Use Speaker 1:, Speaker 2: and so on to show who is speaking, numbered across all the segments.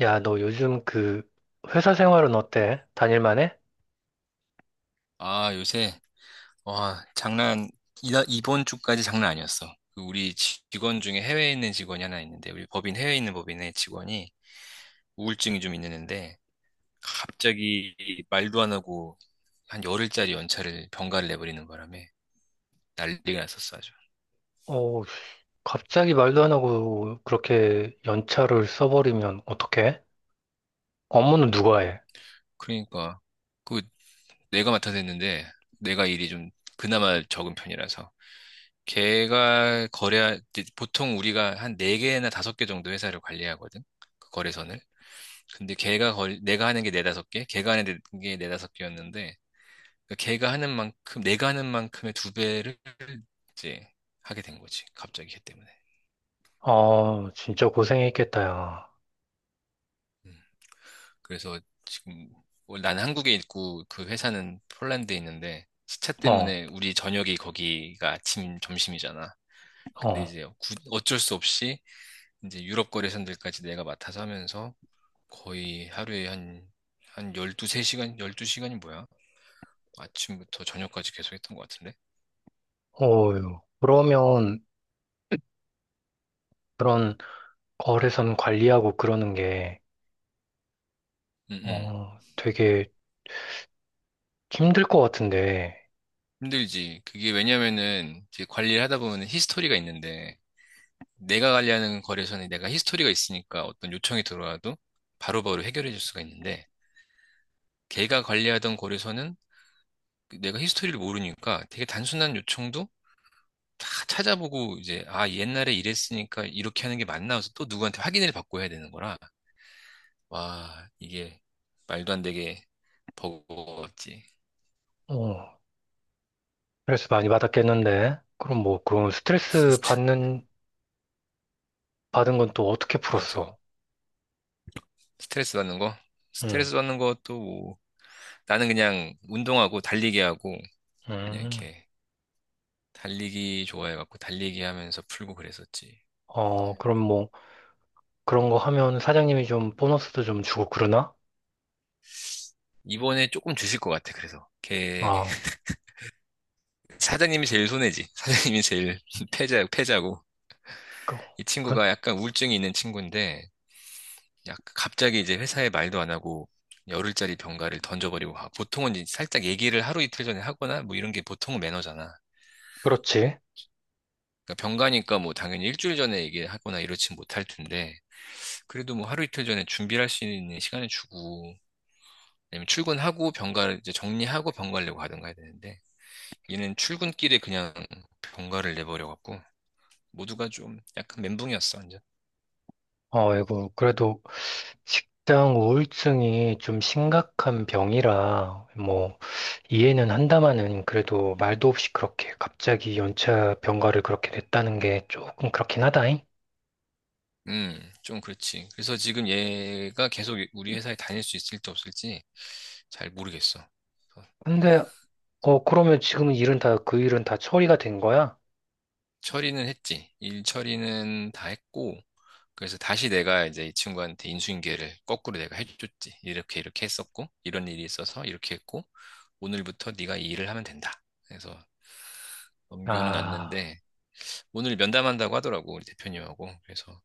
Speaker 1: 야, 너 요즘 그 회사 생활은 어때? 다닐만해?
Speaker 2: 아, 요새, 와, 장난, 이번 주까지 장난 아니었어. 그 우리 직원 중에 해외에 있는 직원이 하나 있는데, 우리 법인, 해외에 있는 법인의 직원이 우울증이 좀 있는데, 갑자기 말도 안 하고 한 열흘짜리 연차를 병가를 내버리는 바람에 난리가 났었어, 아주.
Speaker 1: 어, 갑자기 말도 안 하고 그렇게 연차를 써버리면 어떡해? 업무는 누가 해?
Speaker 2: 그러니까, 그 내가 맡아서 했는데, 내가 일이 좀 그나마 적은 편이라서, 걔가 거래, 보통 우리가 한 네개나 다섯 개 정도 회사를 관리하거든? 그 거래선을. 근데 걔가 내가 하는 게 네다섯 개, 걔가 하는 게 네다섯 개였는데, 그 걔가 하는 만큼, 내가 하는 만큼의 두 배를 이제 하게 된 거지. 갑자기 걔 때문에.
Speaker 1: 어, 진짜 고생했겠다, 야.
Speaker 2: 음. 그래서 지금, 나는 한국에 있고 그 회사는 폴란드에 있는데, 시차
Speaker 1: 어,
Speaker 2: 때문에 우리 저녁이 거기가 아침, 점심이잖아. 근데
Speaker 1: 어,
Speaker 2: 이제 어쩔 수 없이 이제 유럽 거래선들까지 내가 맡아서 하면서 거의 하루에 한, 한 12, 3시간, 12시간이 뭐야? 아침부터 저녁까지 계속 했던 것 같은데?
Speaker 1: 어휴. 그러면 그런 거래선 관리하고 그러는 게,
Speaker 2: 음, 음.
Speaker 1: 어, 되게 힘들 것 같은데,
Speaker 2: 힘들지. 그게 왜냐면은 이제 관리를 하다 보면 히스토리가 있는데 내가 관리하는 거래소는 내가 히스토리가 있으니까 어떤 요청이 들어와도 바로바로 해결해 줄 수가 있는데 걔가 관리하던 거래소는 내가 히스토리를 모르니까 되게 단순한 요청도 다 찾아보고 이제 아 옛날에 이랬으니까 이렇게 하는 게 맞나 해서 또 누구한테 확인을 받고 해야 되는 거라 와 이게 말도 안 되게 버거웠지.
Speaker 1: 어, 스트레스 많이 받았겠는데? 그럼 뭐, 그런 스트레스 받은 건 또 어떻게
Speaker 2: 맞아.
Speaker 1: 풀었어?
Speaker 2: 스트레스 받는 거?
Speaker 1: 응,
Speaker 2: 스트레스 받는 것도 뭐 나는 그냥 운동하고 달리기 하고 그냥
Speaker 1: 음.
Speaker 2: 이렇게 달리기 좋아해갖고 달리기 하면서 풀고 그랬었지.
Speaker 1: 어, 그럼 뭐, 그런 거 하면 사장님이 좀 보너스도 좀 주고 그러나?
Speaker 2: 이번에 조금 주실 것 같아. 그래서 걔
Speaker 1: 아,
Speaker 2: 사장님이 제일 손해지. 사장님이 제일 패자 패자고
Speaker 1: 그,
Speaker 2: 이
Speaker 1: 그,
Speaker 2: 친구가 약간 우울증이 있는 친구인데 약 갑자기 이제 회사에 말도 안 하고 열흘짜리 병가를 던져버리고 가. 보통은 이제 살짝 얘기를 하루 이틀 전에 하거나 뭐 이런 게 보통은 매너잖아.
Speaker 1: 그렇지.
Speaker 2: 그러니까 병가니까 뭐 당연히 일주일 전에 얘기하거나 이러진 못할 텐데 그래도 뭐 하루 이틀 전에 준비할 수 있는 시간을 주고 아니면 출근하고 병가를 이제 정리하고 병가려고 하든가 해야 되는데 얘는 출근길에 그냥 병가를 내버려갖고 모두가 좀 약간 멘붕이었어 완전.
Speaker 1: 어, 이거, 그래도 식당 우울증이 좀 심각한 병이라, 뭐, 이해는 한다마는 그래도 말도 없이 그렇게 갑자기 연차 병가를 그렇게 냈다는 게 조금 그렇긴 하다잉.
Speaker 2: 좀 그렇지. 그래서 지금 얘가 계속 우리 회사에 다닐 수 있을지 없을지 잘 모르겠어. 그래서
Speaker 1: 근데, 어, 그러면 지금 그 일은 다 처리가 된 거야?
Speaker 2: 처리는 했지. 일 처리는 다 했고, 그래서 다시 내가 이제 이 친구한테 인수인계를 거꾸로 내가 해줬지. 이렇게 이렇게 했었고, 이런 일이 있어서 이렇게 했고, 오늘부터 네가 이 일을 하면 된다. 그래서 넘겨는
Speaker 1: 아,
Speaker 2: 놨는데, 오늘 면담한다고 하더라고, 우리 대표님하고. 그래서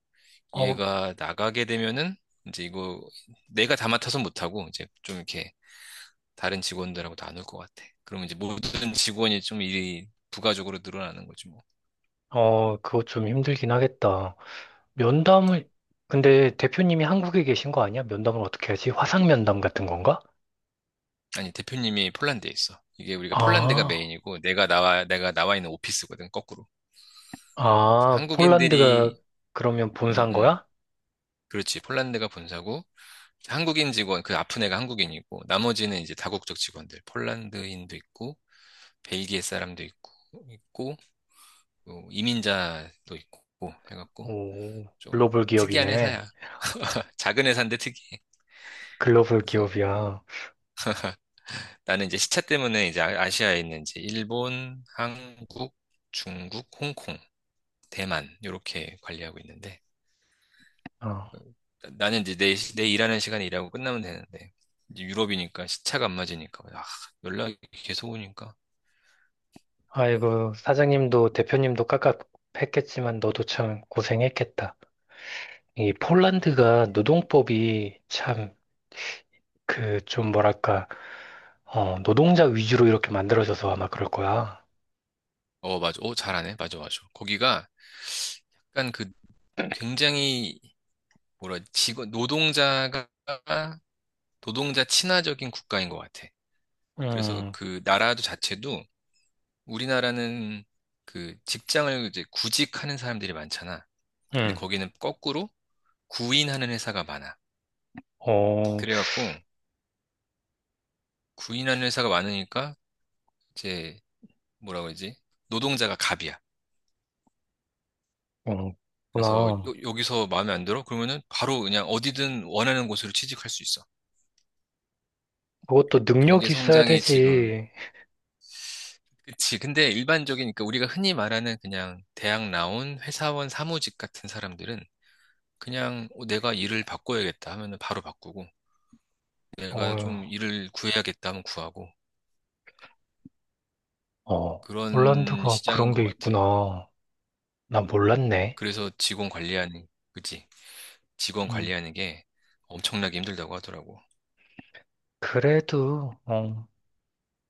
Speaker 1: 어,
Speaker 2: 얘가 나가게 되면은 이제 이거 내가 다 맡아서 못하고 이제 좀 이렇게 다른 직원들하고 나눌 것 같아. 그러면 이제 모든 직원이 좀 일이 부가적으로 늘어나는 거지 뭐.
Speaker 1: 어, 그거 좀 힘들긴 하겠다. 면담을, 근데 대표님이 한국에 계신 거 아니야? 면담을 어떻게 하지? 화상 면담 같은 건가?
Speaker 2: 아니, 대표님이 폴란드에 있어. 이게 우리가 폴란드가
Speaker 1: 아,
Speaker 2: 메인이고 내가 나와, 내가 나와 있는 오피스거든, 거꾸로.
Speaker 1: 아, 폴란드가
Speaker 2: 한국인들이,
Speaker 1: 그러면
Speaker 2: 음,
Speaker 1: 본사인
Speaker 2: 음,
Speaker 1: 거야?
Speaker 2: 그렇지. 폴란드가 본사고 한국인 직원, 그 아픈 애가 한국인이고 나머지는 이제 다국적 직원들, 폴란드인도 있고 벨기에 사람도 있고, 있고, 뭐 이민자도 있고, 해갖고,
Speaker 1: 오,
Speaker 2: 좀
Speaker 1: 글로벌
Speaker 2: 특이한
Speaker 1: 기업이네.
Speaker 2: 회사야. 작은 회사인데 특이해.
Speaker 1: 글로벌
Speaker 2: 그래서
Speaker 1: 기업이야.
Speaker 2: 나는 이제 시차 때문에 이제 아시아에 있는 이제 일본, 한국, 중국, 홍콩, 대만, 요렇게 관리하고 있는데,
Speaker 1: 어.
Speaker 2: 어, 나는 이제 내, 내 일하는 시간에 일하고 끝나면 되는데, 이제 유럽이니까 시차가 안 맞으니까, 아, 연락이 계속 오니까,
Speaker 1: 아이고, 사장님도 대표님도 깝깝했겠지만 너도 참 고생했겠다. 이 폴란드가 노동법이 참 그 좀 뭐랄까, 어, 노동자 위주로 이렇게 만들어져서 아마 그럴 거야.
Speaker 2: 어, 맞아. 어, 잘하네. 맞아, 맞아. 거기가 약간 그 굉장히 뭐라 직원 노동자가 노동자 친화적인 국가인 것 같아. 그래서
Speaker 1: 음,
Speaker 2: 그 나라도 자체도 우리나라는 그 직장을 이제 구직하는 사람들이 많잖아. 근데
Speaker 1: 음.
Speaker 2: 거기는 거꾸로 구인하는 회사가 많아.
Speaker 1: 어,
Speaker 2: 그래갖고 구인하는 회사가 많으니까 이제 뭐라 그러지? 노동자가 갑이야.
Speaker 1: 어,
Speaker 2: 그래서
Speaker 1: 그렇구나.
Speaker 2: 여, 기서 마음에 안 들어? 그러면은 바로 그냥 어디든 원하는 곳으로 취직할 수 있어.
Speaker 1: 그것도
Speaker 2: 경제
Speaker 1: 능력이 있어야
Speaker 2: 성장이 지금
Speaker 1: 되지.
Speaker 2: 그치. 근데 일반적인, 그러니까 우리가 흔히 말하는 그냥 대학 나온 회사원 사무직 같은 사람들은 그냥 어, 내가 일을 바꿔야겠다 하면은 바로 바꾸고, 내가 좀
Speaker 1: 어,
Speaker 2: 일을 구해야겠다 하면 구하고,
Speaker 1: 어,
Speaker 2: 그런
Speaker 1: 홀란드가
Speaker 2: 시장인
Speaker 1: 그런 게
Speaker 2: 것 같아.
Speaker 1: 있구나. 나 몰랐네.
Speaker 2: 그래서 직원 관리하는, 그치. 직원
Speaker 1: 음.
Speaker 2: 관리하는 게 엄청나게 힘들다고 하더라고.
Speaker 1: 그래도, 어,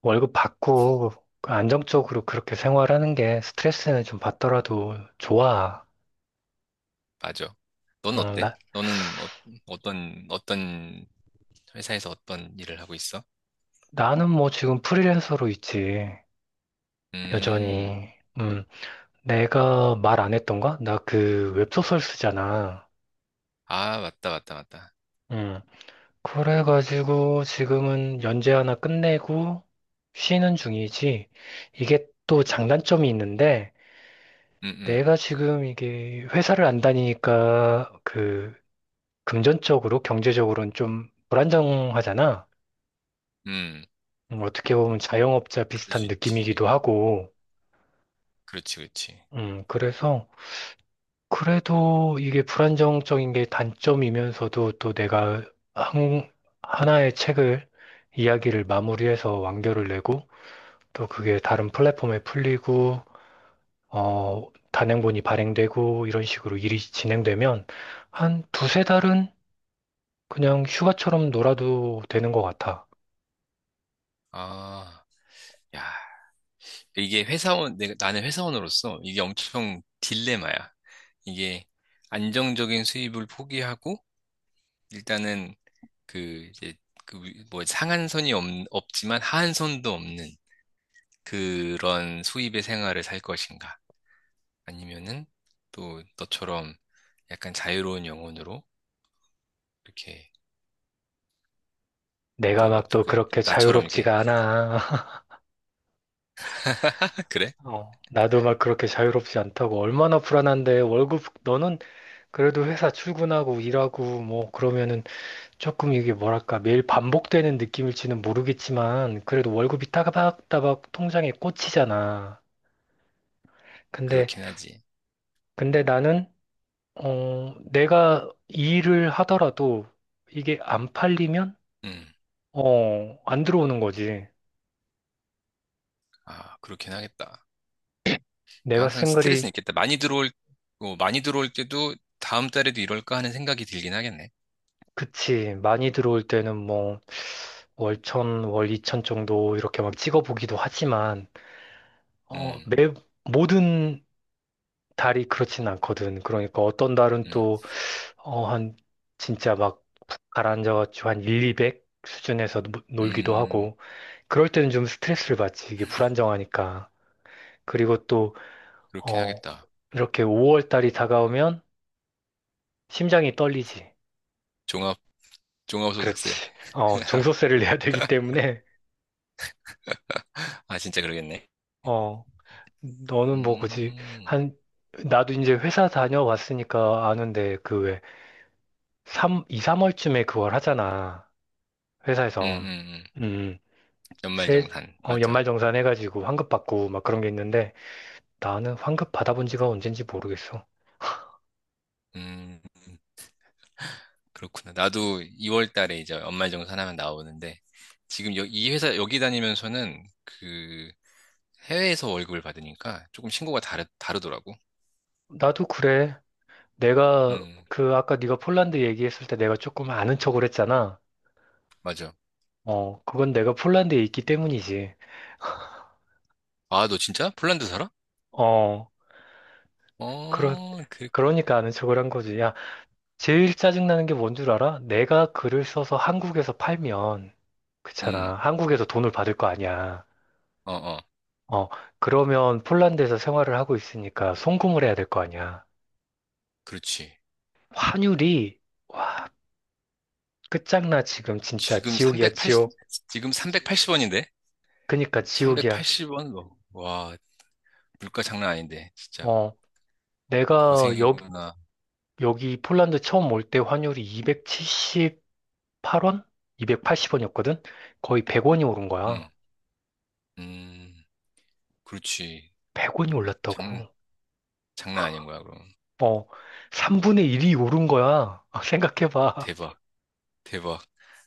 Speaker 1: 월급 받고 그 안정적으로 그렇게 생활하는 게 스트레스는 좀 받더라도 좋아.
Speaker 2: 맞아. 넌
Speaker 1: 음,
Speaker 2: 어때?
Speaker 1: 나,
Speaker 2: 너는 어, 어떤, 어떤 회사에서 어떤 일을 하고 있어?
Speaker 1: 나는 뭐 지금 프리랜서로 있지.
Speaker 2: 음,
Speaker 1: 여전히. 음, 내가 말 안 했던가? 나 그 웹소설 쓰잖아.
Speaker 2: 아, 맞다, 맞다, 맞다.
Speaker 1: 음. 그래가지고 지금은 연재 하나 끝내고 쉬는 중이지. 이게 또 장단점이 있는데
Speaker 2: 음, 음,
Speaker 1: 내가 지금 이게 회사를 안 다니니까 그 금전적으로 경제적으로는 좀 불안정하잖아.
Speaker 2: 음.
Speaker 1: 어떻게 보면 자영업자
Speaker 2: 그럴
Speaker 1: 비슷한
Speaker 2: 수 있지.
Speaker 1: 느낌이기도 하고.
Speaker 2: 그렇지, 그렇지.
Speaker 1: 그래서 그래도 이게 불안정적인 게 단점이면서도 또 내가 한, 하나의 책을 이야기를 마무리해서 완결을 내고 또 그게 다른 플랫폼에 풀리고, 어, 단행본이 발행되고, 이런 식으로 일이 진행되면 한 두세 달은 그냥 휴가처럼 놀아도 되는 것 같아.
Speaker 2: 아, 야, 이게 회사원, 내가, 나는 회사원으로서 이게 엄청 딜레마야. 이게 안정적인 수입을 포기하고, 일단은 그, 이제, 그, 뭐, 상한선이 없, 없지만 하한선도 없는 그런 수입의 생활을 살 것인가. 아니면은 또 너처럼 약간 자유로운 영혼으로 이렇게,
Speaker 1: 내가
Speaker 2: 어떻게,
Speaker 1: 막 또
Speaker 2: 어떻게,
Speaker 1: 그렇게
Speaker 2: 나처럼 이렇게,
Speaker 1: 자유롭지가 않아.
Speaker 2: 그래?
Speaker 1: 어, 나도 막 그렇게 자유롭지 않다고. 얼마나 불안한데, 월급, 너는 그래도 회사 출근하고 일하고 뭐 그러면은 조금 이게 뭐랄까, 매일 반복되는 느낌일지는 모르겠지만, 그래도 월급이 따박따박 통장에 꽂히잖아. 근데
Speaker 2: 그렇긴 하지.
Speaker 1: 나는 어, 내가 이 일을 하더라도 이게 안 팔리면,
Speaker 2: 음,
Speaker 1: 어, 안 들어오는 거지.
Speaker 2: 아, 그렇긴 하겠다. 그러니까
Speaker 1: 내가
Speaker 2: 항상
Speaker 1: 쓴 글이,
Speaker 2: 스트레스는 있겠다. 많이 들어올, 어, 많이 들어올 때도 다음 달에도 이럴까 하는 생각이 들긴 하겠네.
Speaker 1: 그치, 많이 들어올 때는 뭐, 월천, 월이천 정도 이렇게 막 찍어보기도 하지만, 어,
Speaker 2: 음,
Speaker 1: 모든 달이 그렇진 않거든. 그러니까 어떤 달은
Speaker 2: 음,
Speaker 1: 또, 어, 한, 진짜 막 푹 가라앉아가지고 한 1, 200 수준에서 놀기도
Speaker 2: 음,
Speaker 1: 하고, 그럴 때는 좀 스트레스를 받지. 이게 불안정하니까. 그리고 또,
Speaker 2: 그렇긴
Speaker 1: 어,
Speaker 2: 하겠다.
Speaker 1: 이렇게 5월 달이 다가오면 심장이 떨리지.
Speaker 2: 종합, 종합소득세.
Speaker 1: 그렇지. 어, 종소세를 내야 되기 때문에,
Speaker 2: 아, 진짜 그러겠네.
Speaker 1: 어, 너는 뭐 굳이
Speaker 2: 음,
Speaker 1: 한, 나도 이제 회사 다녀왔으니까 아는데 그 왜, 삼 2, 3월쯤에 그걸 하잖아.
Speaker 2: 음,
Speaker 1: 회사에서.
Speaker 2: 음, 음.
Speaker 1: 음, 세,
Speaker 2: 연말정산.
Speaker 1: 어,
Speaker 2: 맞아.
Speaker 1: 연말정산 해가지고 환급 받고 막 그런 게 있는데 나는 환급 받아본 지가 언젠지 모르겠어.
Speaker 2: 음, 그렇구나. 나도 2월 달에 이제 연말정산 하면 나오는데, 지금 여, 이 회사, 여기 다니면서는 그 해외에서 월급을 받으니까 조금 신고가 다르더라고.
Speaker 1: 나도 그래. 내가
Speaker 2: 음,
Speaker 1: 그 아까 네가 폴란드 얘기했을 때 내가 조금 아는 척을 했잖아.
Speaker 2: 맞아.
Speaker 1: 어, 그건 내가 폴란드에 있기 때문이지.
Speaker 2: 아, 너 진짜? 폴란드 살아?
Speaker 1: 어, 그러,
Speaker 2: 어, 그,
Speaker 1: 그러니까 아는 척을 한 거지. 야, 제일 짜증나는 게 뭔 줄 알아? 내가 글을 써서 한국에서 팔면,
Speaker 2: 음,
Speaker 1: 그렇잖아. 한국에서 돈을 받을 거 아니야.
Speaker 2: 어, 어,
Speaker 1: 어, 그러면 폴란드에서 생활을 하고 있으니까 송금을 해야 될 거 아니야.
Speaker 2: 그렇지.
Speaker 1: 환율이, 와, 끝장나, 지금. 진짜
Speaker 2: 지금
Speaker 1: 지옥이야,
Speaker 2: 380,
Speaker 1: 지옥.
Speaker 2: 지금 삼백팔십 원인데?
Speaker 1: 그니까 지옥이야.
Speaker 2: 삼백팔십 원인데 380원? 뭐, 와, 물가 장난 아닌데. 진짜
Speaker 1: 어, 내가
Speaker 2: 고생이구나.
Speaker 1: 여기 폴란드 처음 올 때 환율이 270, 8원? 280원이었거든? 거의 100원이 오른 거야.
Speaker 2: 음, 음, 그렇지.
Speaker 1: 100원이
Speaker 2: 장,
Speaker 1: 올랐다고.
Speaker 2: 장난 아닌 거야, 그럼.
Speaker 1: 어, 3분의 1이 오른 거야. 생각해봐.
Speaker 2: 대박, 대박.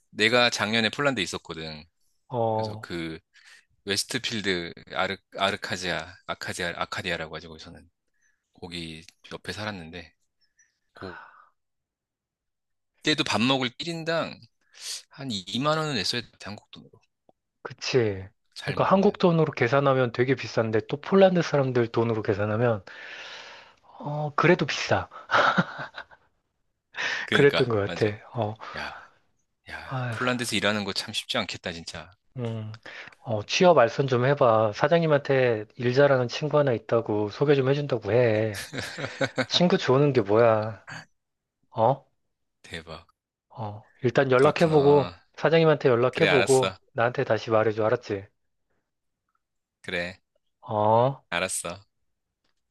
Speaker 2: 내가 작년에 폴란드에 있었거든. 그래서
Speaker 1: 어,
Speaker 2: 그, 웨스트필드 아르카지아, 아카디아, 아카디아라고 하죠, 거기서는. 거기 옆에 살았는데. 그때도 밥 먹을 1인당 한 2만 원은 냈어야 돼, 한국 돈.
Speaker 1: 그치.
Speaker 2: 잘
Speaker 1: 그러니까 한국
Speaker 2: 먹으면.
Speaker 1: 돈으로 계산하면 되게 비싼데 또 폴란드 사람들 돈으로 계산하면 어, 그래도 비싸. 그랬던
Speaker 2: 그러니까
Speaker 1: 것 같아.
Speaker 2: 맞아.
Speaker 1: 어,
Speaker 2: 야, 야,
Speaker 1: 아휴,
Speaker 2: 폴란드에서 일하는 거 참 쉽지 않겠다, 진짜.
Speaker 1: 음, 어, 취업 알선 좀 해봐. 사장님한테 일 잘하는 친구 하나 있다고 소개 좀 해준다고 해. 친구 좋은 게 뭐야? 어?
Speaker 2: 대박.
Speaker 1: 어, 일단 연락해보고,
Speaker 2: 그렇구나.
Speaker 1: 사장님한테
Speaker 2: 그래,
Speaker 1: 연락해보고,
Speaker 2: 알았어.
Speaker 1: 나한테 다시 말해줘, 알았지?
Speaker 2: 그래,
Speaker 1: 어?
Speaker 2: 알았어.